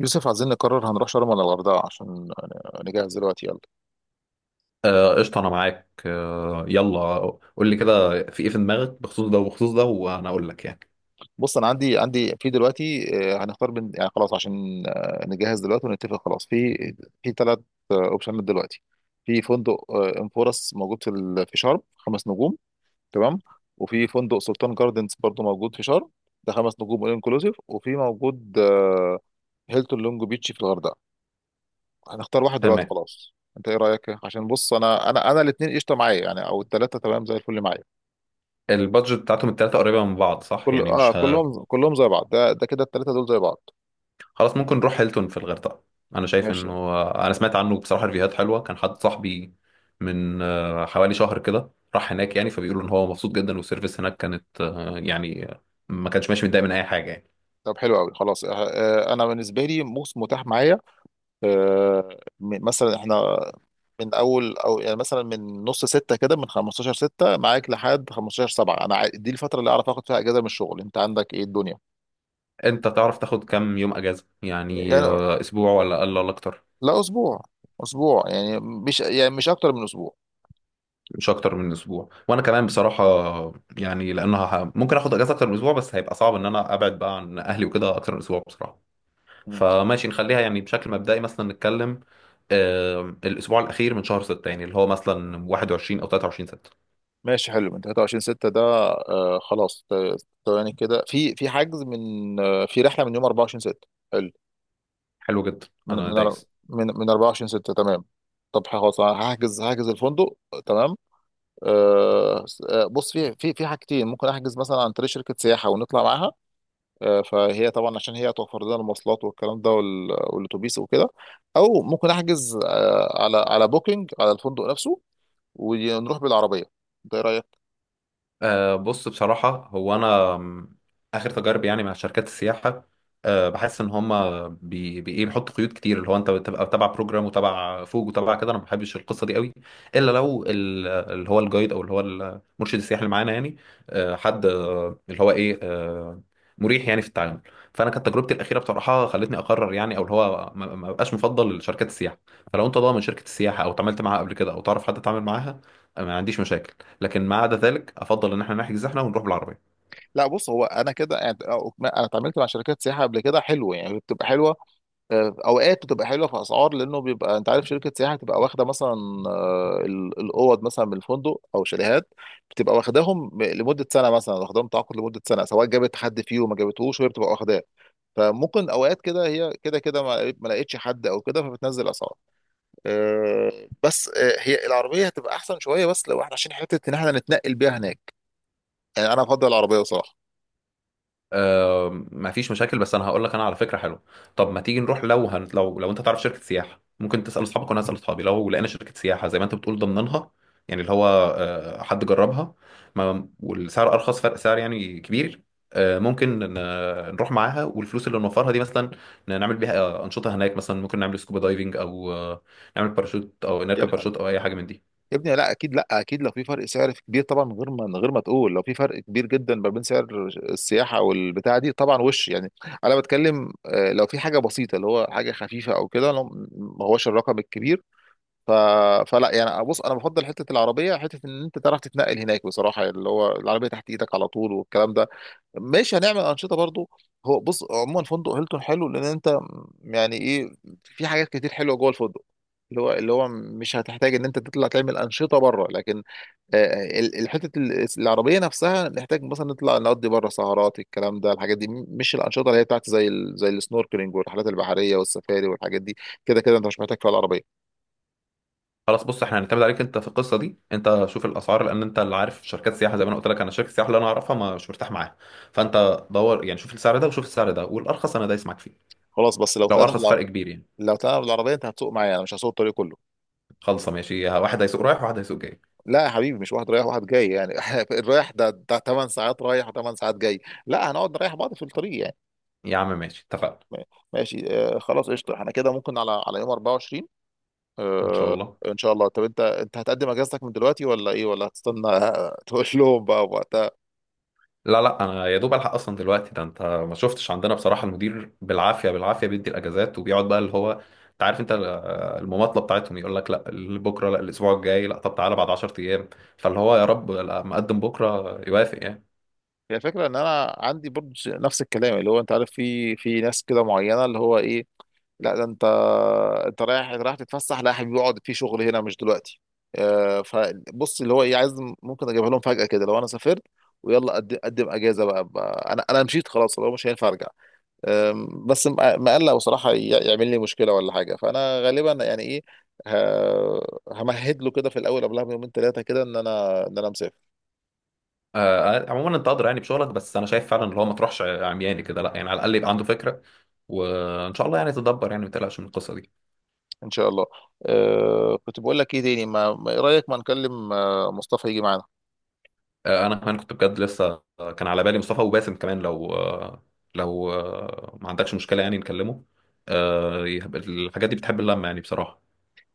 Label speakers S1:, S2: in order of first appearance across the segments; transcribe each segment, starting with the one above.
S1: يوسف، عايزين نقرر هنروح شرم ولا الغردقة عشان نجهز دلوقتي، يلا.
S2: آه، قشطة، أنا معاك. يلا. قول لي كده في إيه في دماغك بخصوص ده وبخصوص ده، وأنا أقول لك يعني.
S1: بص انا عندي في دلوقتي، هنختار بين، يعني خلاص عشان نجهز دلوقتي ونتفق خلاص في ثلاث اوبشنات دلوقتي. في فندق انفورس موجود في في شرم، خمس نجوم، تمام. وفي فندق سلطان جاردنز برضو موجود في شرم، ده خمس نجوم انكلوزيف. وفي موجود هيلتون لونج بيتش في الغردقه. هنختار واحد دلوقتي
S2: تمام.
S1: خلاص، انت ايه رايك؟ عشان بص انا الاثنين قشطه معايا، يعني او الثلاثه تمام زي الفل معايا.
S2: البادجت بتاعتهم التلاتة قريبة من بعض، صح؟
S1: كل
S2: يعني
S1: اه
S2: مش
S1: كلهم كلهم زي بعض، ده كده الثلاثه دول زي بعض.
S2: خلاص، ممكن نروح هيلتون في الغردقة. أنا شايف
S1: ماشي،
S2: إنه أنا سمعت عنه بصراحة ريفيوهات حلوة. كان حد صاحبي من حوالي شهر كده راح هناك يعني، فبيقولوا إن هو مبسوط جدا، والسيرفيس هناك كانت يعني ما كانش ماشي متضايق من أي حاجة يعني.
S1: طب حلو قوي خلاص. انا بالنسبه لي موس متاح معايا. آه، مثلا احنا من اول، او يعني مثلا من نص ستة كده، من 15 ستة معاك لحد 15 سبعة، دي الفتره اللي اعرف اخد فيها اجازه من الشغل. انت عندك ايه الدنيا؟
S2: أنت تعرف تاخد كام يوم أجازة؟ يعني
S1: يعني
S2: أسبوع ولا أقل ولا أكتر؟
S1: لا، اسبوع. اسبوع يعني مش اكتر من اسبوع.
S2: مش اكتر من اسبوع، وانا كمان بصراحه يعني لانها ممكن اخد اجازه اكتر من اسبوع، بس هيبقى صعب ان انا ابعد بقى عن اهلي وكده اكتر من اسبوع بصراحه.
S1: مم.
S2: فماشي، نخليها يعني بشكل مبدئي، مثلا نتكلم الاسبوع الاخير من شهر 6، يعني اللي هو مثلا 21 او 23 6.
S1: ماشي حلو، من 23 ستة ده. خلاص، يعني كده في حجز، من آه في رحله من يوم 24 ستة.
S2: حلو جدا،
S1: من
S2: انا
S1: من أر-
S2: دايس.
S1: من من 24 6، تمام. طب خلاص، أنا هحجز الفندق. تمام. أه س- آه، بص في حاجتين، ممكن احجز مثلا عن طريق شركه سياحه ونطلع معاها. فهي طبعا عشان هي توفر لنا المواصلات والكلام ده والاتوبيس وكده. او ممكن احجز على بوكينج، على الفندق نفسه، ونروح بالعربيه. انت ايه رايك؟
S2: بص، بصراحة هو أنا آخر تجاربي يعني مع شركات السياحة، بحس إن هما بي بي إيه بيحطوا قيود كتير، اللي هو أنت بتبقى تبع بروجرام وتبع فوج وتبع كده، أنا ما بحبش القصة دي قوي، إلا لو اللي هو الجايد أو اللي هو المرشد السياحي اللي معانا يعني، أه حد أه اللي هو إيه أه مريح يعني في التعامل. فأنا كانت تجربتي الأخيرة بصراحة خلتني أقرر يعني، أو اللي هو ما بقاش مفضل لشركات السياحة. فلو أنت ضامن شركة السياحة أو اتعاملت معاها قبل كده أو تعرف حد اتعامل معاها، ما عنديش مشاكل. لكن ما عدا ذلك، افضل ان احنا نحجز احنا ونروح بالعربيه.
S1: لا بص، هو انا كده يعني، انا اتعاملت مع شركات سياحه قبل كده حلوه، يعني بتبقى حلوه. اوقات بتبقى حلوه في اسعار، لانه بيبقى انت عارف شركه سياحه بتبقى واخده مثلا الاوض مثلا من الفندق، او شاليهات. بتبقى واخداهم لمده سنه، مثلا واخداهم تعاقد لمده سنه، سواء جابت حد فيهم ما جابتهوش وهي بتبقى واخداه. فممكن اوقات كده هي كده كده ما لقيتش حد او كده، فبتنزل اسعار. بس هي العربيه هتبقى احسن شويه، بس لو احنا عشان حته ان احنا نتنقل بيها هناك. يعني انا افضل العربيه بصراحه.
S2: أه، ما فيش مشاكل، بس انا هقول لك انا على فكره حلوه. طب ما تيجي نروح، لو لو انت تعرف شركه سياحه، ممكن تسال اصحابك وانا هسال اصحابي، لو لقينا شركه سياحه زي ما انت بتقول ضمنها، يعني اللي هو حد جربها، ما... والسعر ارخص، فرق سعر يعني كبير، ممكن نروح معاها، والفلوس اللي نوفرها دي مثلا نعمل بيها انشطه هناك، مثلا ممكن نعمل سكوبا دايفنج او نعمل باراشوت او نركب
S1: يبقى
S2: باراشوت او اي حاجه من دي.
S1: يا ابني، لا اكيد، لا اكيد، لو في فرق سعر كبير طبعا، من غير ما تقول، لو في فرق كبير جدا ما بين سعر السياحه والبتاع دي طبعا، وش يعني. انا بتكلم لو في حاجه بسيطه اللي هو حاجه خفيفه او كده، لو ما هوش الرقم الكبير. ف... فلا يعني، بص انا بفضل حته العربيه، حته ان انت تعرف تتنقل هناك بصراحه، يعني اللي هو العربيه تحت ايدك على طول والكلام ده. ماشي، هنعمل انشطه برضو. هو بص، عموما فندق هيلتون حلو، لان انت يعني ايه، في حاجات كتير حلوه جوه الفندق، اللي هو مش هتحتاج ان انت تطلع تعمل انشطه بره. لكن آه، الحته العربيه نفسها نحتاج مثلا نطلع نقضي بره سهرات، الكلام ده الحاجات دي، مش الانشطه اللي هي بتاعت زي السنوركلينج والرحلات البحريه والسفاري والحاجات دي، كده كده انت مش محتاج فيها العربيه.
S2: خلاص، بص، احنا هنعتمد عليك انت في القصه دي، انت شوف الاسعار لان انت اللي عارف شركات سياحه، زي ما انا قلت لك انا شركه السياحه اللي انا اعرفها ما مش مرتاح معاها. فانت دور، يعني شوف السعر ده وشوف السعر ده، والارخص انا دايس معاك فيه،
S1: خلاص، بس
S2: لو ارخص فرق كبير يعني.
S1: لو طلعنا بالعربيه انت هتسوق معايا، انا مش هسوق الطريق كله.
S2: خلصه ماشي، واحد هيسوق رايح وواحد هيسوق جاي.
S1: لا يا حبيبي، مش واحد رايح واحد جاي يعني، الرايح ده 8 ساعات رايح و8 ساعات جاي. لا، هنقعد نريح بعض في الطريق يعني.
S2: يا عم ماشي، اتفقنا.
S1: م- ماشي، خلاص قشطه، احنا كده ممكن على يوم 24.
S2: ان شاء
S1: آه
S2: الله.
S1: ان شاء الله. طب انت، هتقدم اجازتك من دلوقتي ولا ايه، ولا هتستنى تقول لهم بقى وقتها؟
S2: لا لا، انا يا دوب الحق اصلا دلوقتي، ده انت ما شفتش عندنا بصراحه، المدير بالعافيه بالعافيه بيدي الاجازات، وبيقعد بقى اللي هو، انت عارف انت المماطله بتاعتهم، يقول لك لا بكره، لا الاسبوع الجاي، لا طب تعالى بعد 10 ايام. فاللي هو يا رب لا، مقدم بكره يوافق يعني.
S1: هي الفكره ان انا عندي برضه نفس الكلام، اللي هو انت عارف في ناس كده معينه، اللي هو ايه، لا ده انت، رايح رايح تتفسح، لا يا حبيبي اقعد في شغل هنا مش دلوقتي. فبص اللي هو ايه عايز، ممكن اجيبها لهم فجأة كده لو انا سافرت. ويلا، قدم قدم اجازه بقى، انا مشيت خلاص، لو مش هينفع ارجع. بس مقلق بصراحه، يعمل لي مشكله ولا حاجه، فانا غالبا يعني ايه، ه- همهد له كده في الاول قبلها بيومين ثلاثه كده ان انا، مسافر.
S2: آه آه، عموما انت قادر يعني بشغلك، بس انا شايف فعلا اللي هو ما تروحش عمياني كده، لا يعني، على الاقل يبقى عنده فكره، وان شاء الله يعني تدبر، يعني ما تقلقش من القصه دي.
S1: ان شاء الله. كنت بقول لك ايه تاني، ايه رايك ما نكلم مصطفى يجي معانا.
S2: انا كمان كنت بجد لسه كان على بالي مصطفى وباسم كمان، لو ما عندكش مشكله، يعني نكلمه، الحاجات دي بتحب اللمه يعني بصراحه.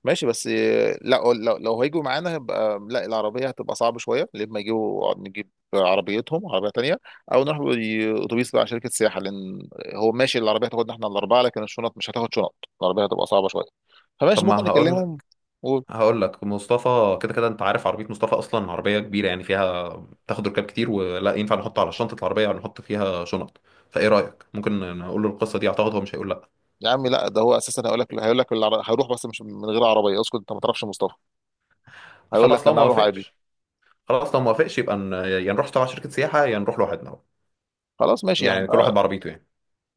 S1: ماشي، بس لا، لو هيجوا معانا هيبقى لا، العربية هتبقى صعبة شوية، لما يجوا نجيب عربيتهم عربية تانية. أو نروح بأتوبيس بقى شركة سياحة، لأن هو ماشي العربية هتاخدنا احنا الأربعة لكن الشنط مش هتاخد شنط، العربية هتبقى صعبة شوية.
S2: طب
S1: فماشي ممكن
S2: ما هقول،
S1: نكلمهم و...
S2: هقول لك مصطفى كده كده انت عارف عربيه مصطفى اصلا عربيه كبيره يعني فيها تاخد ركاب كتير، ولا ينفع نحط على شنطه العربيه ولا نحط فيها شنط؟ فايه رايك؟ ممكن نقول له القصه دي، اعتقد هو مش هيقول لا.
S1: يا عم لا، ده هو أساسا هيقول لك، هيروح بس مش من غير عربية. اسكت أنت ما تعرفش مصطفى، هيقول لك
S2: خلاص لو
S1: أنا
S2: ما
S1: هروح عادي.
S2: وافقش، خلاص لو ما وافقش يبقى يا نروح تبع شركه سياحه يا نروح لوحدنا،
S1: خلاص ماشي احنا،
S2: يعني كل واحد بعربيته يعني.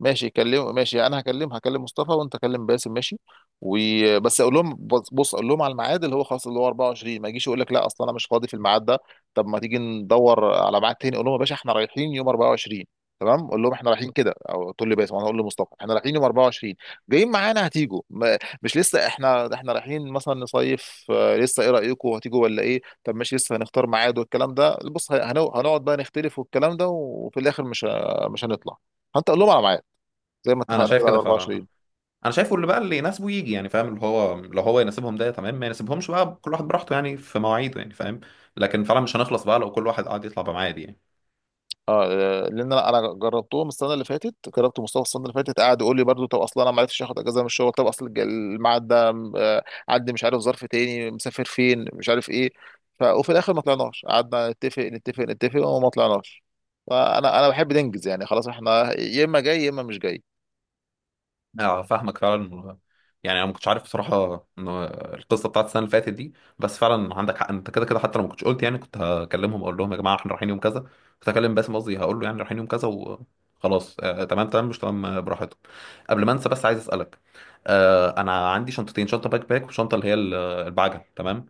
S1: ماشي كلم، ماشي. انا هكلم مصطفى وانت كلم باسم، ماشي. وبس اقول لهم، بص بص، اقول لهم على الميعاد اللي هو خلاص اللي هو 24، ما يجيش يقول لك لا اصلا انا مش فاضي في الميعاد ده. طب ما تيجي ندور على ميعاد تاني، اقول لهم يا باشا احنا رايحين يوم 24، تمام؟ اقول لهم احنا رايحين كده، او تقول لي باسم انا اقول لمصطفى احنا رايحين يوم 24، جايين معانا هتيجوا؟ مش لسه احنا، رايحين مثلا نصيف لسه، ايه رايكم هتيجوا ولا ايه؟ طب ماشي لسه هنختار ميعاد والكلام ده، بص هنقعد بقى نختلف والكلام ده، وفي الاخر مش هنطلع. فانت قول لهم على ميعاد زي ما
S2: انا
S1: اتفقنا
S2: شايف
S1: كده على
S2: كده فعلا،
S1: 24.
S2: انا شايفه اللي بقى اللي يناسبه يجي، يعني فاهم؟ اللي هو لو هو يناسبهم ده تمام، ما يناسبهمش بقى كل واحد براحته، يعني في مواعيده، يعني فاهم؟ لكن فعلا مش هنخلص بقى لو كل واحد قاعد يطلع بميعاد يعني.
S1: اه. لان انا جربتهم السنه اللي فاتت، جربت مصطفى السنه اللي فاتت، قعد يقول لي برضو طب اصلا انا ما عرفتش اخد اجازه من الشغل، طب اصل الميعاد ده آه، عندي، مش عارف ظرف تاني، مسافر فين، مش عارف ايه. وفي الاخر ما طلعناش، قعدنا نتفق نتفق وما طلعناش. فانا بحب ننجز يعني، خلاص احنا يا اما جاي يا اما مش جاي.
S2: اه فاهمك فعلا، يعني انا ما كنتش عارف بصراحه ان القصه بتاعت السنه اللي فاتت دي، بس فعلا عندك حق، انت كده كده حتى لو ما كنتش قلت يعني كنت هكلمهم اقول لهم يا جماعه احنا رايحين يوم كذا، كنت هكلم باسم، قصدي هقول له يعني رايحين يوم كذا وخلاص، آه تمام تمام مش تمام براحتكم. قبل ما انسى بس عايز اسالك، انا عندي شنطتين، شنطه باك باك وشنطه اللي هي البعجل، تمام.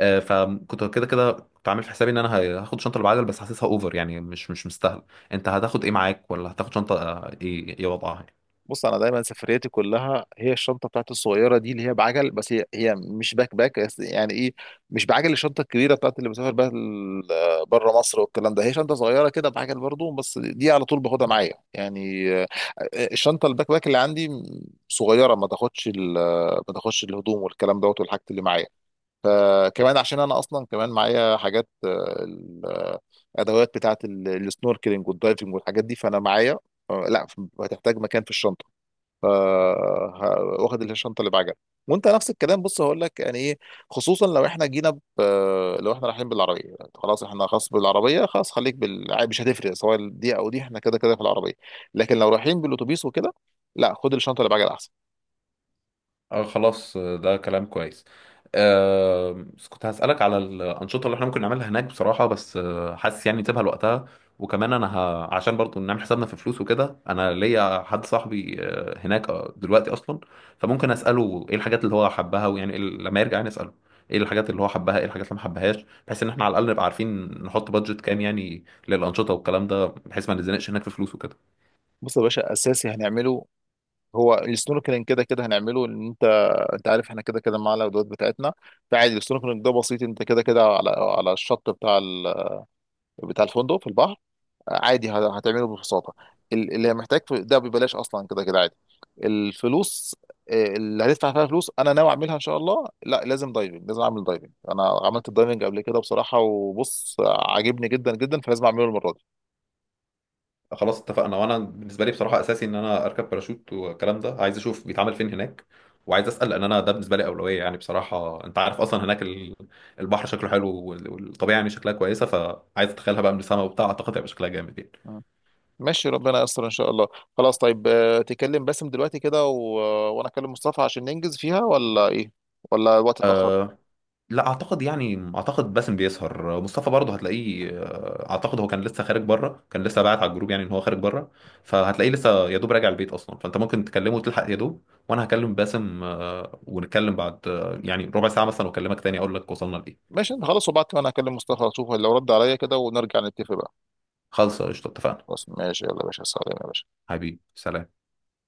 S2: فكنت كده كده كنت عامل في حسابي ان انا هاخد شنطه البعجل، بس حاسسها اوفر يعني، مش مستاهل. انت هتاخد ايه معاك؟ ولا هتاخد شنطه ايه؟ ايه وضعها؟
S1: بص انا دايما سفرياتي كلها هي الشنطه بتاعتي الصغيره دي، اللي هي بعجل. بس هي مش باك باك بس، يعني ايه، مش بعجل الشنطه الكبيره بتاعت اللي بسافر بيها بره مصر والكلام ده، هي شنطه صغيره كده بعجل برضو بس دي على طول باخدها معايا يعني. الشنطه الباك باك اللي عندي صغيره، ما تاخدش ما تاخدش الهدوم والكلام دوت والحاجات اللي معايا. فكمان عشان انا اصلا كمان معايا حاجات ادوات بتاعت السنوركلينج والدايفنج والحاجات دي، فانا معايا لا، هتحتاج مكان في الشنطه. واخد الشنطه اللي بعجل. وانت نفس الكلام بص هقول لك يعني ايه. خصوصا لو احنا لو احنا رايحين بالعربيه، يعني خلاص احنا خلاص بالعربيه خلاص، مش هتفرق سواء دي او دي، احنا كده كده في العربيه. لكن لو رايحين بالاتوبيس وكده، لا خد الشنطه اللي بعجل احسن.
S2: اه خلاص، ده كلام كويس. آه بس كنت هسألك على الأنشطة اللي احنا ممكن نعملها هناك بصراحة، بس حاسس يعني نسيبها لوقتها. وكمان أنا عشان برضو نعمل حسابنا في فلوس وكده، أنا ليا حد صاحبي هناك دلوقتي أصلا، فممكن أسأله إيه الحاجات اللي هو حبها، ويعني لما يرجع يعني أسأله إيه الحاجات اللي هو حبها، إيه الحاجات اللي ما حبهاش، بحيث إن احنا على الأقل نبقى عارفين نحط بادجت كام يعني للأنشطة والكلام ده، بحيث ما نتزنقش هناك في فلوس وكده.
S1: بص يا باشا، اساسي هنعمله هو السنوركلينج، كده كده هنعمله ان انت، انت عارف احنا كده كده معانا الادوات بتاعتنا. فعادي السنوركلينج ده بسيط، انت كده كده على الشط بتاع الفندق في البحر، عادي هتعمله ببساطه. اللي محتاج ده ببلاش، اصلا كده كده عادي. الفلوس اللي هتدفع فيها فلوس، انا ناوي اعملها ان شاء الله، لا لازم دايفنج، لازم اعمل دايفنج. انا عملت الدايفنج قبل كده بصراحه وبص عاجبني جدا جدا، فلازم اعمله المره دي.
S2: خلاص اتفقنا، وانا بالنسبه لي بصراحه اساسي ان انا اركب باراشوت والكلام ده، عايز اشوف بيتعمل فين هناك، وعايز اسال، لان انا ده بالنسبه لي اولويه يعني بصراحه. انت عارف اصلا هناك البحر شكله حلو والطبيعه يعني شكلها كويسه، فعايز اتخيلها بقى من السما وبتاع، اعتقد هيبقى شكلها جامد يعني.
S1: مم. ماشي، ربنا يستر ان شاء الله. خلاص طيب، تكلم باسم دلوقتي كده وانا اكلم مصطفى عشان ننجز فيها، ولا ايه ولا الوقت اتاخر؟
S2: آه، لا اعتقد، يعني اعتقد باسم بيسهر، مصطفى برضه هتلاقيه، اعتقد هو كان لسه خارج بره، كان لسه باعت على الجروب يعني ان هو خارج بره، فهتلاقيه لسه يا دوب راجع البيت اصلا، فانت ممكن تكلمه وتلحق يا دوب، وانا هكلم باسم ونتكلم بعد يعني ربع ساعه مثلا، واكلمك تاني اقول لك وصلنا لايه.
S1: ماشي انت خلاص، وبعد كده انا هكلم مصطفى اشوف لو رد عليا كده، ونرجع نتفق بقى.
S2: خلص قشطه اتفقنا.
S1: خلاص ماشي، يلا يا باشا، سلام يا باشا.
S2: حبيبي سلام.